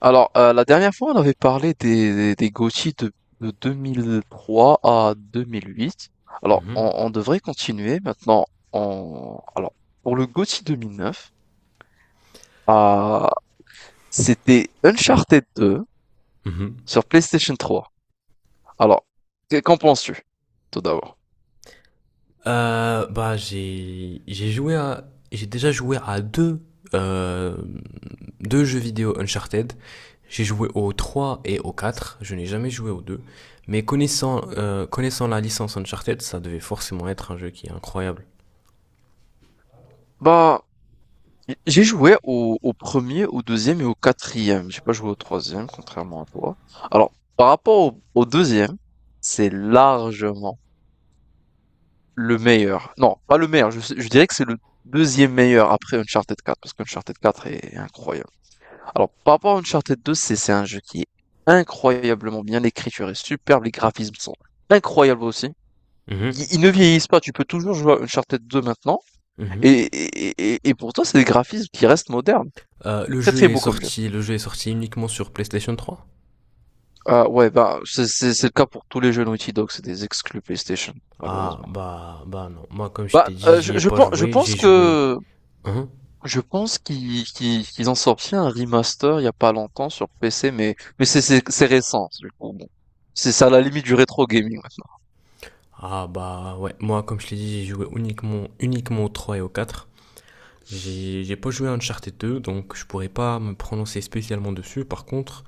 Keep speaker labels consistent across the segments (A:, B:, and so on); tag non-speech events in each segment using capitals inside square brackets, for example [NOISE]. A: Alors, la dernière fois, on avait parlé des GOTY de 2003 à 2008. Alors,
B: Mhm.
A: on devrait continuer maintenant. Alors, pour le GOTY 2009, euh, c'était Uncharted 2
B: Mhm.
A: sur PlayStation 3. Alors, qu'en penses-tu, tout d'abord?
B: Bah, j'ai déjà joué à deux euh, deux jeux vidéo Uncharted. J'ai joué au 3 et au quatre. Je n'ai jamais joué au deux, mais connaissant connaissant la licence Uncharted, ça devait forcément être un jeu qui est incroyable.
A: Bah, j'ai joué au premier, au deuxième et au quatrième. J'ai pas joué au troisième, contrairement à toi. Alors, par rapport au deuxième, c'est largement le meilleur. Non, pas le meilleur. Je dirais que c'est le deuxième meilleur après Uncharted 4, parce qu'Uncharted 4 est incroyable. Alors, par rapport à Uncharted 2, c'est un jeu qui est incroyablement bien. L'écriture est superbe, les graphismes sont incroyables aussi. Ils,
B: Mhm.
A: ils ne vieillissent pas. Tu peux toujours jouer à Uncharted 2 maintenant. Et,
B: Mhm.
A: et, et, et pourtant, c'est des graphismes qui restent modernes. Très très beau comme jeu.
B: Le jeu est sorti uniquement sur PlayStation trois.
A: Ah ouais, bah, c'est le cas pour tous les jeux Naughty Dog. C'est des exclus PlayStation,
B: Ah,
A: malheureusement.
B: bah, non, moi comme je t'ai
A: Bah,
B: dit, j'y ai
A: je,
B: pas
A: pen- je
B: joué, j'ai
A: pense
B: joué.
A: que
B: Hein.
A: Je pense qu'ils ont sorti un remaster il y a pas longtemps sur PC, mais c'est récent, du coup. Bon. C'est à la limite du rétro gaming maintenant.
B: Ah, bah ouais, moi comme je l'ai dit, j'ai joué uniquement au 3 et au quatre. J'ai pas joué à Uncharted deux, donc je pourrais pas me prononcer spécialement dessus. Par contre,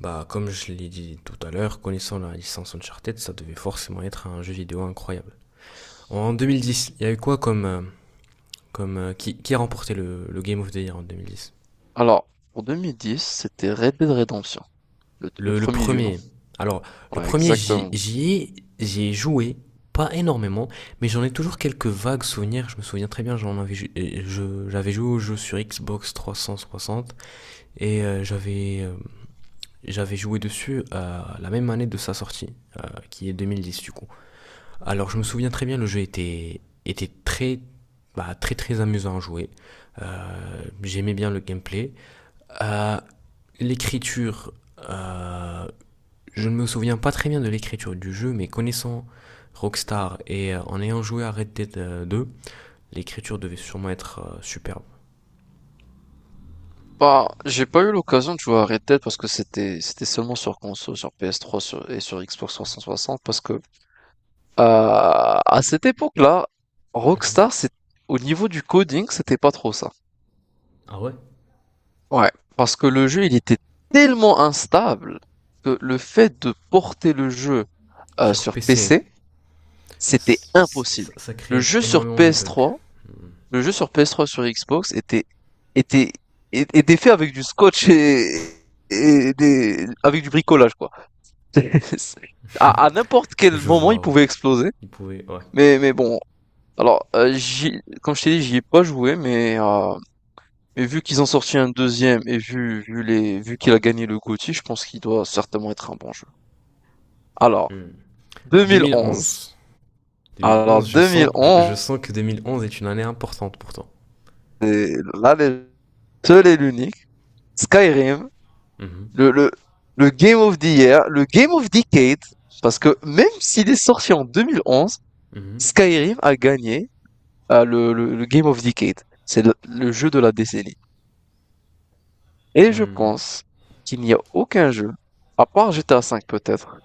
B: bah comme je l'ai dit tout à l'heure, connaissant la licence Uncharted, ça devait forcément être un jeu vidéo incroyable. En deux mille dix, il y a eu quoi comme qui a remporté le Game of the Year en deux mille dix?
A: Alors, pour 2010, c'était Red Dead Redemption, le
B: Le
A: premier du nom.
B: premier. Alors, le
A: Ouais,
B: premier, j'y
A: exactement.
B: j'y ai, j'y ai joué, pas énormément, mais j'en ai toujours quelques vagues souvenirs. Je me souviens très bien, j'en avais, ju- et je- j'avais joué au jeu sur Xbox 360 et j'avais joué dessus la même année de sa sortie, euh, qui est 2010 du coup. Alors, je me souviens très bien, le jeu était très, bah, très très amusant à jouer. J'aimais bien le gameplay. Euh, l'écriture, euh, je ne me souviens pas très bien de l'écriture du jeu, mais connaissant Rockstar et en ayant joué à Red Dead 2, l'écriture devait sûrement être superbe.
A: Bah, j'ai pas eu l'occasion de jouer à Red Dead parce que c'était seulement sur console, sur PS3 et sur Xbox 360 parce que à cette époque-là, Rockstar, c'est au niveau du coding, c'était pas trop ça.
B: Ah ouais.
A: Ouais, parce que le jeu, il était tellement instable que le fait de porter le jeu
B: Sur
A: sur
B: PC,
A: PC, c'était impossible.
B: ça créait
A: Le jeu
B: énormément de
A: sur
B: bugs.
A: PS3,
B: Hmm.
A: le jeu sur PS3 sur Xbox était était fait avec du scotch et des avec du bricolage quoi. [LAUGHS] C'est- à n'importe quel
B: Je
A: moment, il
B: vois, ouais.
A: pouvait exploser.
B: Ils pouvaient, ouais.
A: Mais bon, alors comme je t'ai dit, j'y ai pas joué. Mais vu qu'ils ont sorti un deuxième et vu qu'il a gagné le GOTY, je pense qu'il doit certainement être un bon jeu. Alors,
B: Hmm.
A: 2011.
B: 2011.
A: Alors,
B: 2011, je sens, je
A: 2011,
B: sens que 2011 est une année importante pour toi.
A: c'est la légende, seul et l'unique, Skyrim,
B: Mhm.
A: le, le, le Game of the Year, le Game of Decade, parce que même s'il est sorti en 2011,
B: Mhm.
A: Skyrim a gagné le Game of Decade. C'est le jeu de la décennie. Et je
B: Hmm.
A: pense qu'il n'y a aucun jeu, à part GTA V peut-être.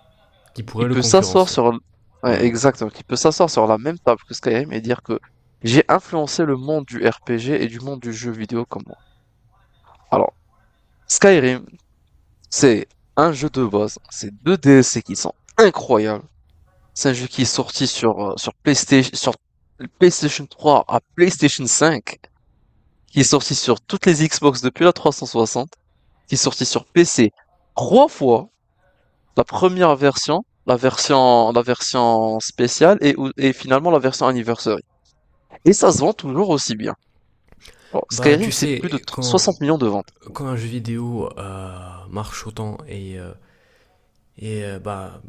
B: Qui
A: Il
B: pourrait le
A: peut s'asseoir
B: concurrencer.
A: sur l- Ouais,
B: Hmm.
A: exact, donc il peut s'asseoir sur la même table que Skyrim et dire que j'ai influencé le monde du RPG et du monde du jeu vidéo comme moi. Alors, Skyrim, c'est un jeu de base, c'est deux DLC qui sont incroyables. C'est un jeu qui est sorti sur PlayStation 3 à PlayStation 5, qui est sorti sur toutes les Xbox depuis la 360, qui est sorti sur PC trois fois. La première version, la version spéciale et finalement la version anniversary. Et ça se vend toujours aussi bien. Bon,
B: Bah, tu
A: Skyrim, c'est plus de
B: sais, quand,
A: 60 millions de ventes.
B: quand un jeu vidéo marche autant et bah,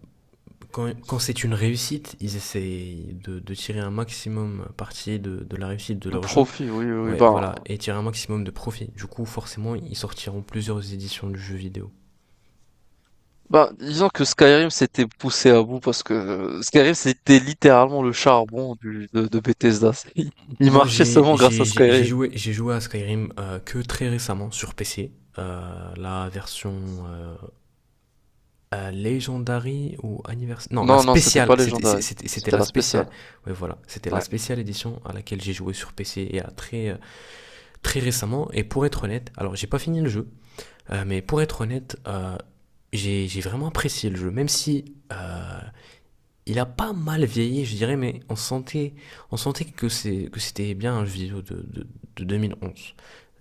B: quand c'est une réussite, ils essayent de tirer un maximum parti de la réussite de
A: De
B: leur jeu.
A: profit, oui, oui, oui.
B: Ouais,
A: Ben,
B: voilà, et tirer un maximum de profit. Du coup, forcément, ils sortiront plusieurs éditions du jeu vidéo.
A: ben, disons que Skyrim s'était poussé à bout parce que Skyrim, c'était littéralement le charbon de Bethesda. [LAUGHS] Il
B: Moi,
A: marchait seulement grâce à Skyrim.
B: j'ai joué à Skyrim que très récemment sur PC. La version euh, Legendary ou anniversaire. Non, la
A: Non, non, c'était
B: spéciale.
A: pas légendaire.
B: C'était
A: C'était
B: la
A: la
B: spéciale.
A: spéciale.
B: Ouais, voilà. C'était la
A: Ouais.
B: spéciale édition à laquelle j'ai joué sur PC et à très récemment, et pour être honnête, alors j'ai pas fini le jeu. Mais pour être honnête, j'ai vraiment apprécié le jeu, même si il a pas mal vieilli, je dirais, mais on sentait que c'était bien un jeu vidéo de 2011.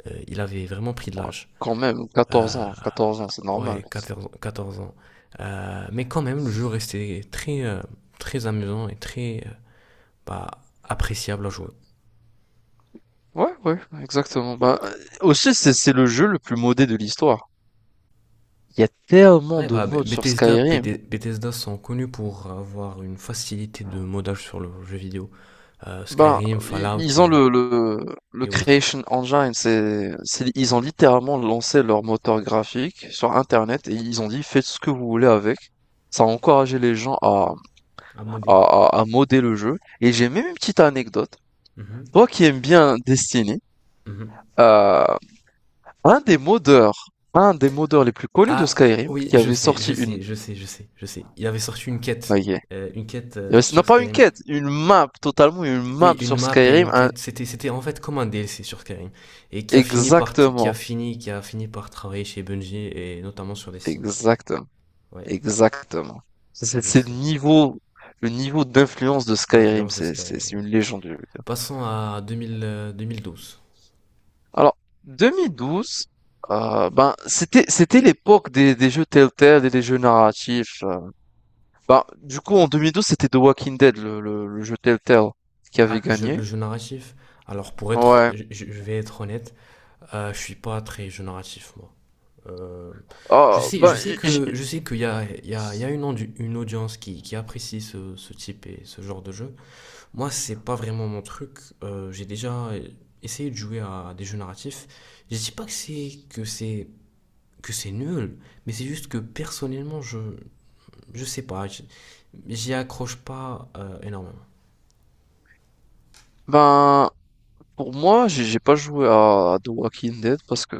B: Il avait vraiment pris de l'âge.
A: Quand même,
B: Euh,
A: 14 ans, 14 ans, c'est normal.
B: ouais, 14 ans. Mais quand même, le jeu restait très amusant et très, bah, appréciable à jouer.
A: Ouais, ouais, exactement. Bah, aussi, c'est le jeu le plus modé de l'histoire. Il y a tellement
B: Ouais,
A: de
B: bah,
A: modes sur Skyrim.
B: Bethesda sont connus pour avoir une facilité de modage sur le jeu vidéo.
A: Bah,
B: Skyrim, Fallout
A: ils ont
B: et,
A: le
B: et autres.
A: Creation Engine. Ils ont littéralement lancé leur moteur graphique sur Internet et ils ont dit faites ce que vous voulez avec. Ça a encouragé les gens à,
B: À
A: à,
B: modder.
A: à, à modder le jeu. Et j'ai même une petite anecdote.
B: Mhm,
A: Toi qui aimes bien Destiny,
B: mhm.
A: euh, un des modeurs, un des modeurs les plus connus de
B: Ah
A: Skyrim,
B: oui,
A: qui
B: je
A: avait
B: sais, je
A: sorti une,
B: sais, je sais, je sais, je sais. Il avait sorti une
A: bah,
B: quête
A: Non,
B: sur
A: pas une
B: Skyrim.
A: quête, une map, totalement une
B: Oui,
A: map
B: une
A: sur
B: map et
A: Skyrim.
B: une quête. C'était en fait comme un DLC sur Skyrim. Et
A: Exactement,
B: qui a fini par travailler chez Bungie et notamment sur les Sims.
A: exactement,
B: Ouais,
A: exactement. C'est c'est-
B: je
A: c'est le
B: sais.
A: niveau, le niveau d'influence de Skyrim,
B: L'influence de
A: c'est
B: Skyrim,
A: c'est- c'est
B: ouais.
A: une légende. Je veux dire.
B: Passons à 2012.
A: Alors, 2012, ben, c'était l'époque des jeux Telltale et des jeux narratifs. Ben, du coup, en 2012, c'était The Walking Dead, le jeu Telltale, qui
B: Ah,
A: avait
B: le jeu, le
A: gagné.
B: jeu narratif. Alors, pour être,
A: Ouais.
B: je vais être honnête, je suis pas très jeu narratif, moi. Euh, je
A: Oh,
B: sais, je
A: ben,
B: sais que, je sais qu' il y a, une, une audience qui apprécie ce type et ce genre de jeu. Moi, c'est pas vraiment mon truc. J'ai déjà essayé de jouer à des jeux narratifs. Je dis pas que c'est nul, mais c'est juste que personnellement, je sais pas, j'y accroche pas, énormément.
A: ben, Pour moi, j'ai pas joué à The Walking Dead parce que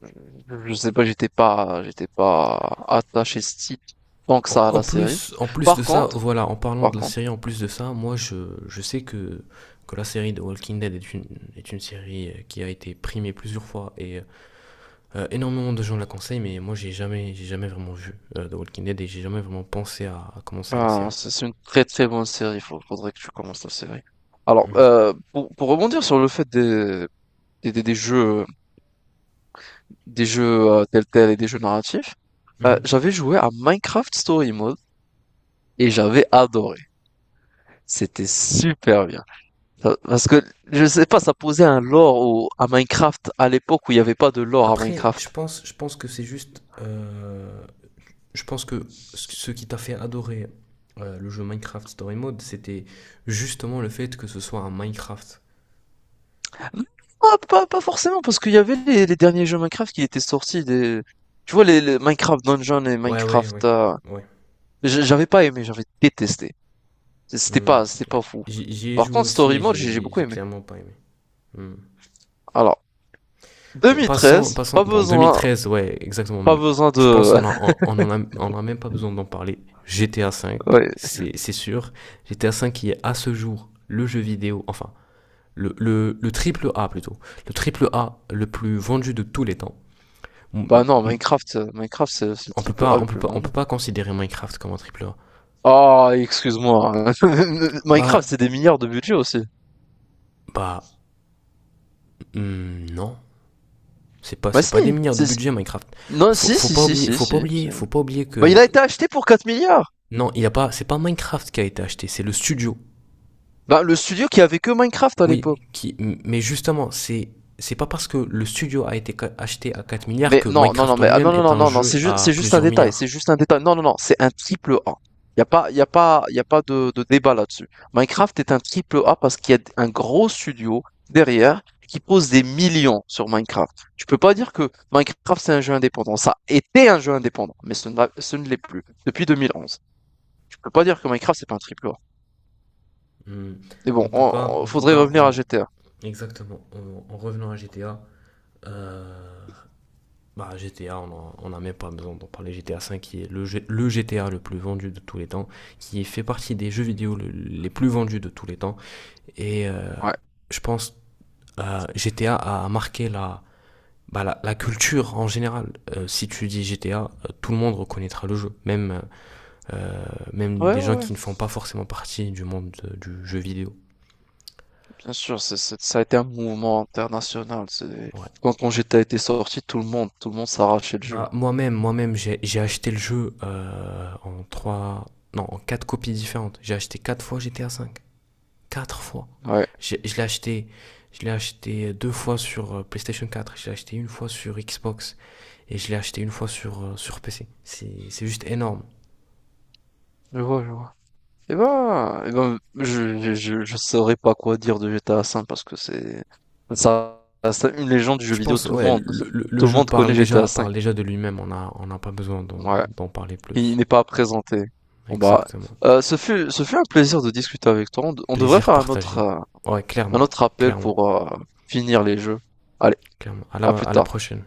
A: je sais pas, j'étais pas attaché si tant que
B: En
A: ça à
B: en
A: la série.
B: plus, en plus de
A: Par
B: ça,
A: contre,
B: voilà, en parlant
A: par
B: de la
A: contre,
B: série, en plus de ça, moi je sais que la série de Walking Dead est une série qui a été primée plusieurs fois et énormément de gens la conseillent, mais moi j'ai jamais vraiment vu The Walking Dead et j'ai jamais vraiment pensé à commencer à la
A: ben,
B: série.
A: c'est une très très bonne série. Faudrait que tu commences la série. Alors,
B: Mhm.
A: pour rebondir sur le fait des, des- des jeux, des jeux Telltale et des jeux narratifs,
B: Mhm.
A: j'avais joué à Minecraft Story Mode et j'avais adoré. C'était super bien. Parce que, je sais pas, ça posait un lore à Minecraft à l'époque où il n'y avait pas de lore à
B: Après,
A: Minecraft.
B: je pense que c'est juste. Je pense que ce qui t'a fait adorer le jeu Minecraft Story Mode, c'était justement le fait que ce soit un Minecraft.
A: Ah, pas forcément, parce qu'il y avait les derniers jeux Minecraft qui étaient sortis. Tu vois, les Minecraft Dungeon et
B: Ouais, ouais,
A: Minecraft.
B: ouais. Ouais,
A: J'avais pas aimé, j'avais détesté. C'était
B: hmm,
A: pas, c'était
B: ouais.
A: pas fou.
B: J'y ai
A: Par
B: joué
A: contre,
B: aussi
A: Story
B: et
A: Mode,
B: j'ai
A: j'ai
B: j'ai-
A: beaucoup
B: j'ai
A: aimé.
B: clairement pas aimé. Hmm.
A: Alors,
B: Bon, passons,
A: 2013,
B: passons.
A: pas
B: Bon,
A: besoin,
B: 2013, ouais, exactement.
A: pas besoin
B: Je pense
A: de.
B: qu'on a,
A: [LAUGHS]
B: on en a, on a même pas besoin d'en parler. GTA V,
A: Ouais.
B: c'est sûr. GTA V qui est à ce jour le jeu vidéo, enfin, le triple A plutôt. Le triple A le plus vendu de tous les temps. M-
A: Bah non,
B: m-
A: Minecraft, c'est le triple A le plus
B: On peut
A: vendu.
B: pas considérer Minecraft comme un triple A.
A: Ah, excuse-moi. [LAUGHS] Minecraft,
B: Bah,
A: c'est des milliards de budget aussi.
B: bah, non. C'est pas,
A: Bah
B: c'est
A: si,
B: pas des milliards de
A: si, si.
B: budget Minecraft.
A: Non,
B: Faut,
A: si,
B: faut
A: si,
B: pas
A: si,
B: oublier,
A: si,
B: faut pas
A: si, si.
B: oublier, faut pas oublier
A: Bah il
B: que
A: a été acheté pour 4 milliards.
B: non, il y a pas, c'est pas Minecraft qui a été acheté, c'est le studio.
A: Bah le studio qui avait que Minecraft à l'époque.
B: Oui, mais justement, c'est pas parce que le studio a été acheté à 4 milliards
A: Mais
B: que
A: non, non, non,
B: Minecraft en
A: mais ah,
B: lui-même
A: non, non,
B: est
A: non,
B: un
A: non, non,
B: jeu à
A: c'est juste un
B: plusieurs
A: détail,
B: milliards.
A: c'est juste un détail. Non, non, non, c'est un triple A. Y a pas, y a pas, y a pas de débat là-dessus. Minecraft est un triple A parce qu'il y a un gros studio derrière qui pose des millions sur Minecraft. Tu peux pas dire que Minecraft c'est un jeu indépendant. Ça était un jeu indépendant, mais ce ne l'est plus depuis 2011. Tu peux pas dire que Minecraft c'est pas un triple A.
B: Hmm.
A: Mais bon,
B: En tout cas, en tout
A: faudrait
B: cas,
A: revenir à
B: en
A: GTA.
B: exactement, en revenant à GTA, euh, bah, GTA, on n'a même pas besoin d'en parler. GTA 5 qui est le GTA le plus vendu de tous les temps, qui fait partie des jeux vidéo les plus vendus de tous les temps. Et
A: Ouais.
B: je pense GTA a marqué la culture en général. Si tu dis GTA, tout le monde reconnaîtra le jeu, euh, même
A: Ouais,
B: des
A: ouais,
B: gens
A: ouais.
B: qui ne font pas forcément partie du monde du jeu vidéo.
A: Bien sûr, ça a été un mouvement international.
B: Ouais.
A: Quand GTA était sorti, tout le monde s'arrachait le jeu.
B: Bah, moi-même, j'ai acheté le jeu en trois, non, en quatre copies différentes. J'ai acheté quatre fois GTA 5. Quatre fois.
A: Ouais,
B: Je, je l'ai acheté, je l'ai acheté deux fois sur PlayStation 4, je l'ai acheté une fois sur Xbox et je l'ai acheté une fois sur PC. C'est juste énorme.
A: je vois, je vois. Eh ben, je saurais pas quoi dire de GTA 5 parce que ça, c'est une légende du jeu
B: Je
A: vidéo.
B: pense,
A: Tout le
B: ouais,
A: monde, [LAUGHS]
B: le
A: tout le
B: jeu
A: monde connaît
B: parle
A: GTA
B: déjà,
A: 5.
B: parle déjà de lui-même, on n'a pas besoin
A: Ouais.
B: d'en parler
A: Il
B: plus.
A: n'est pas à présenter. Bon bah,
B: Exactement.
A: ce fut un plaisir de discuter avec toi. On devrait
B: Plaisir
A: faire un autre,
B: partagé. Ouais,
A: un
B: clairement,
A: autre appel
B: clairement,
A: pour finir les jeux. Allez,
B: clairement. À la,
A: à plus
B: à la
A: tard.
B: prochaine.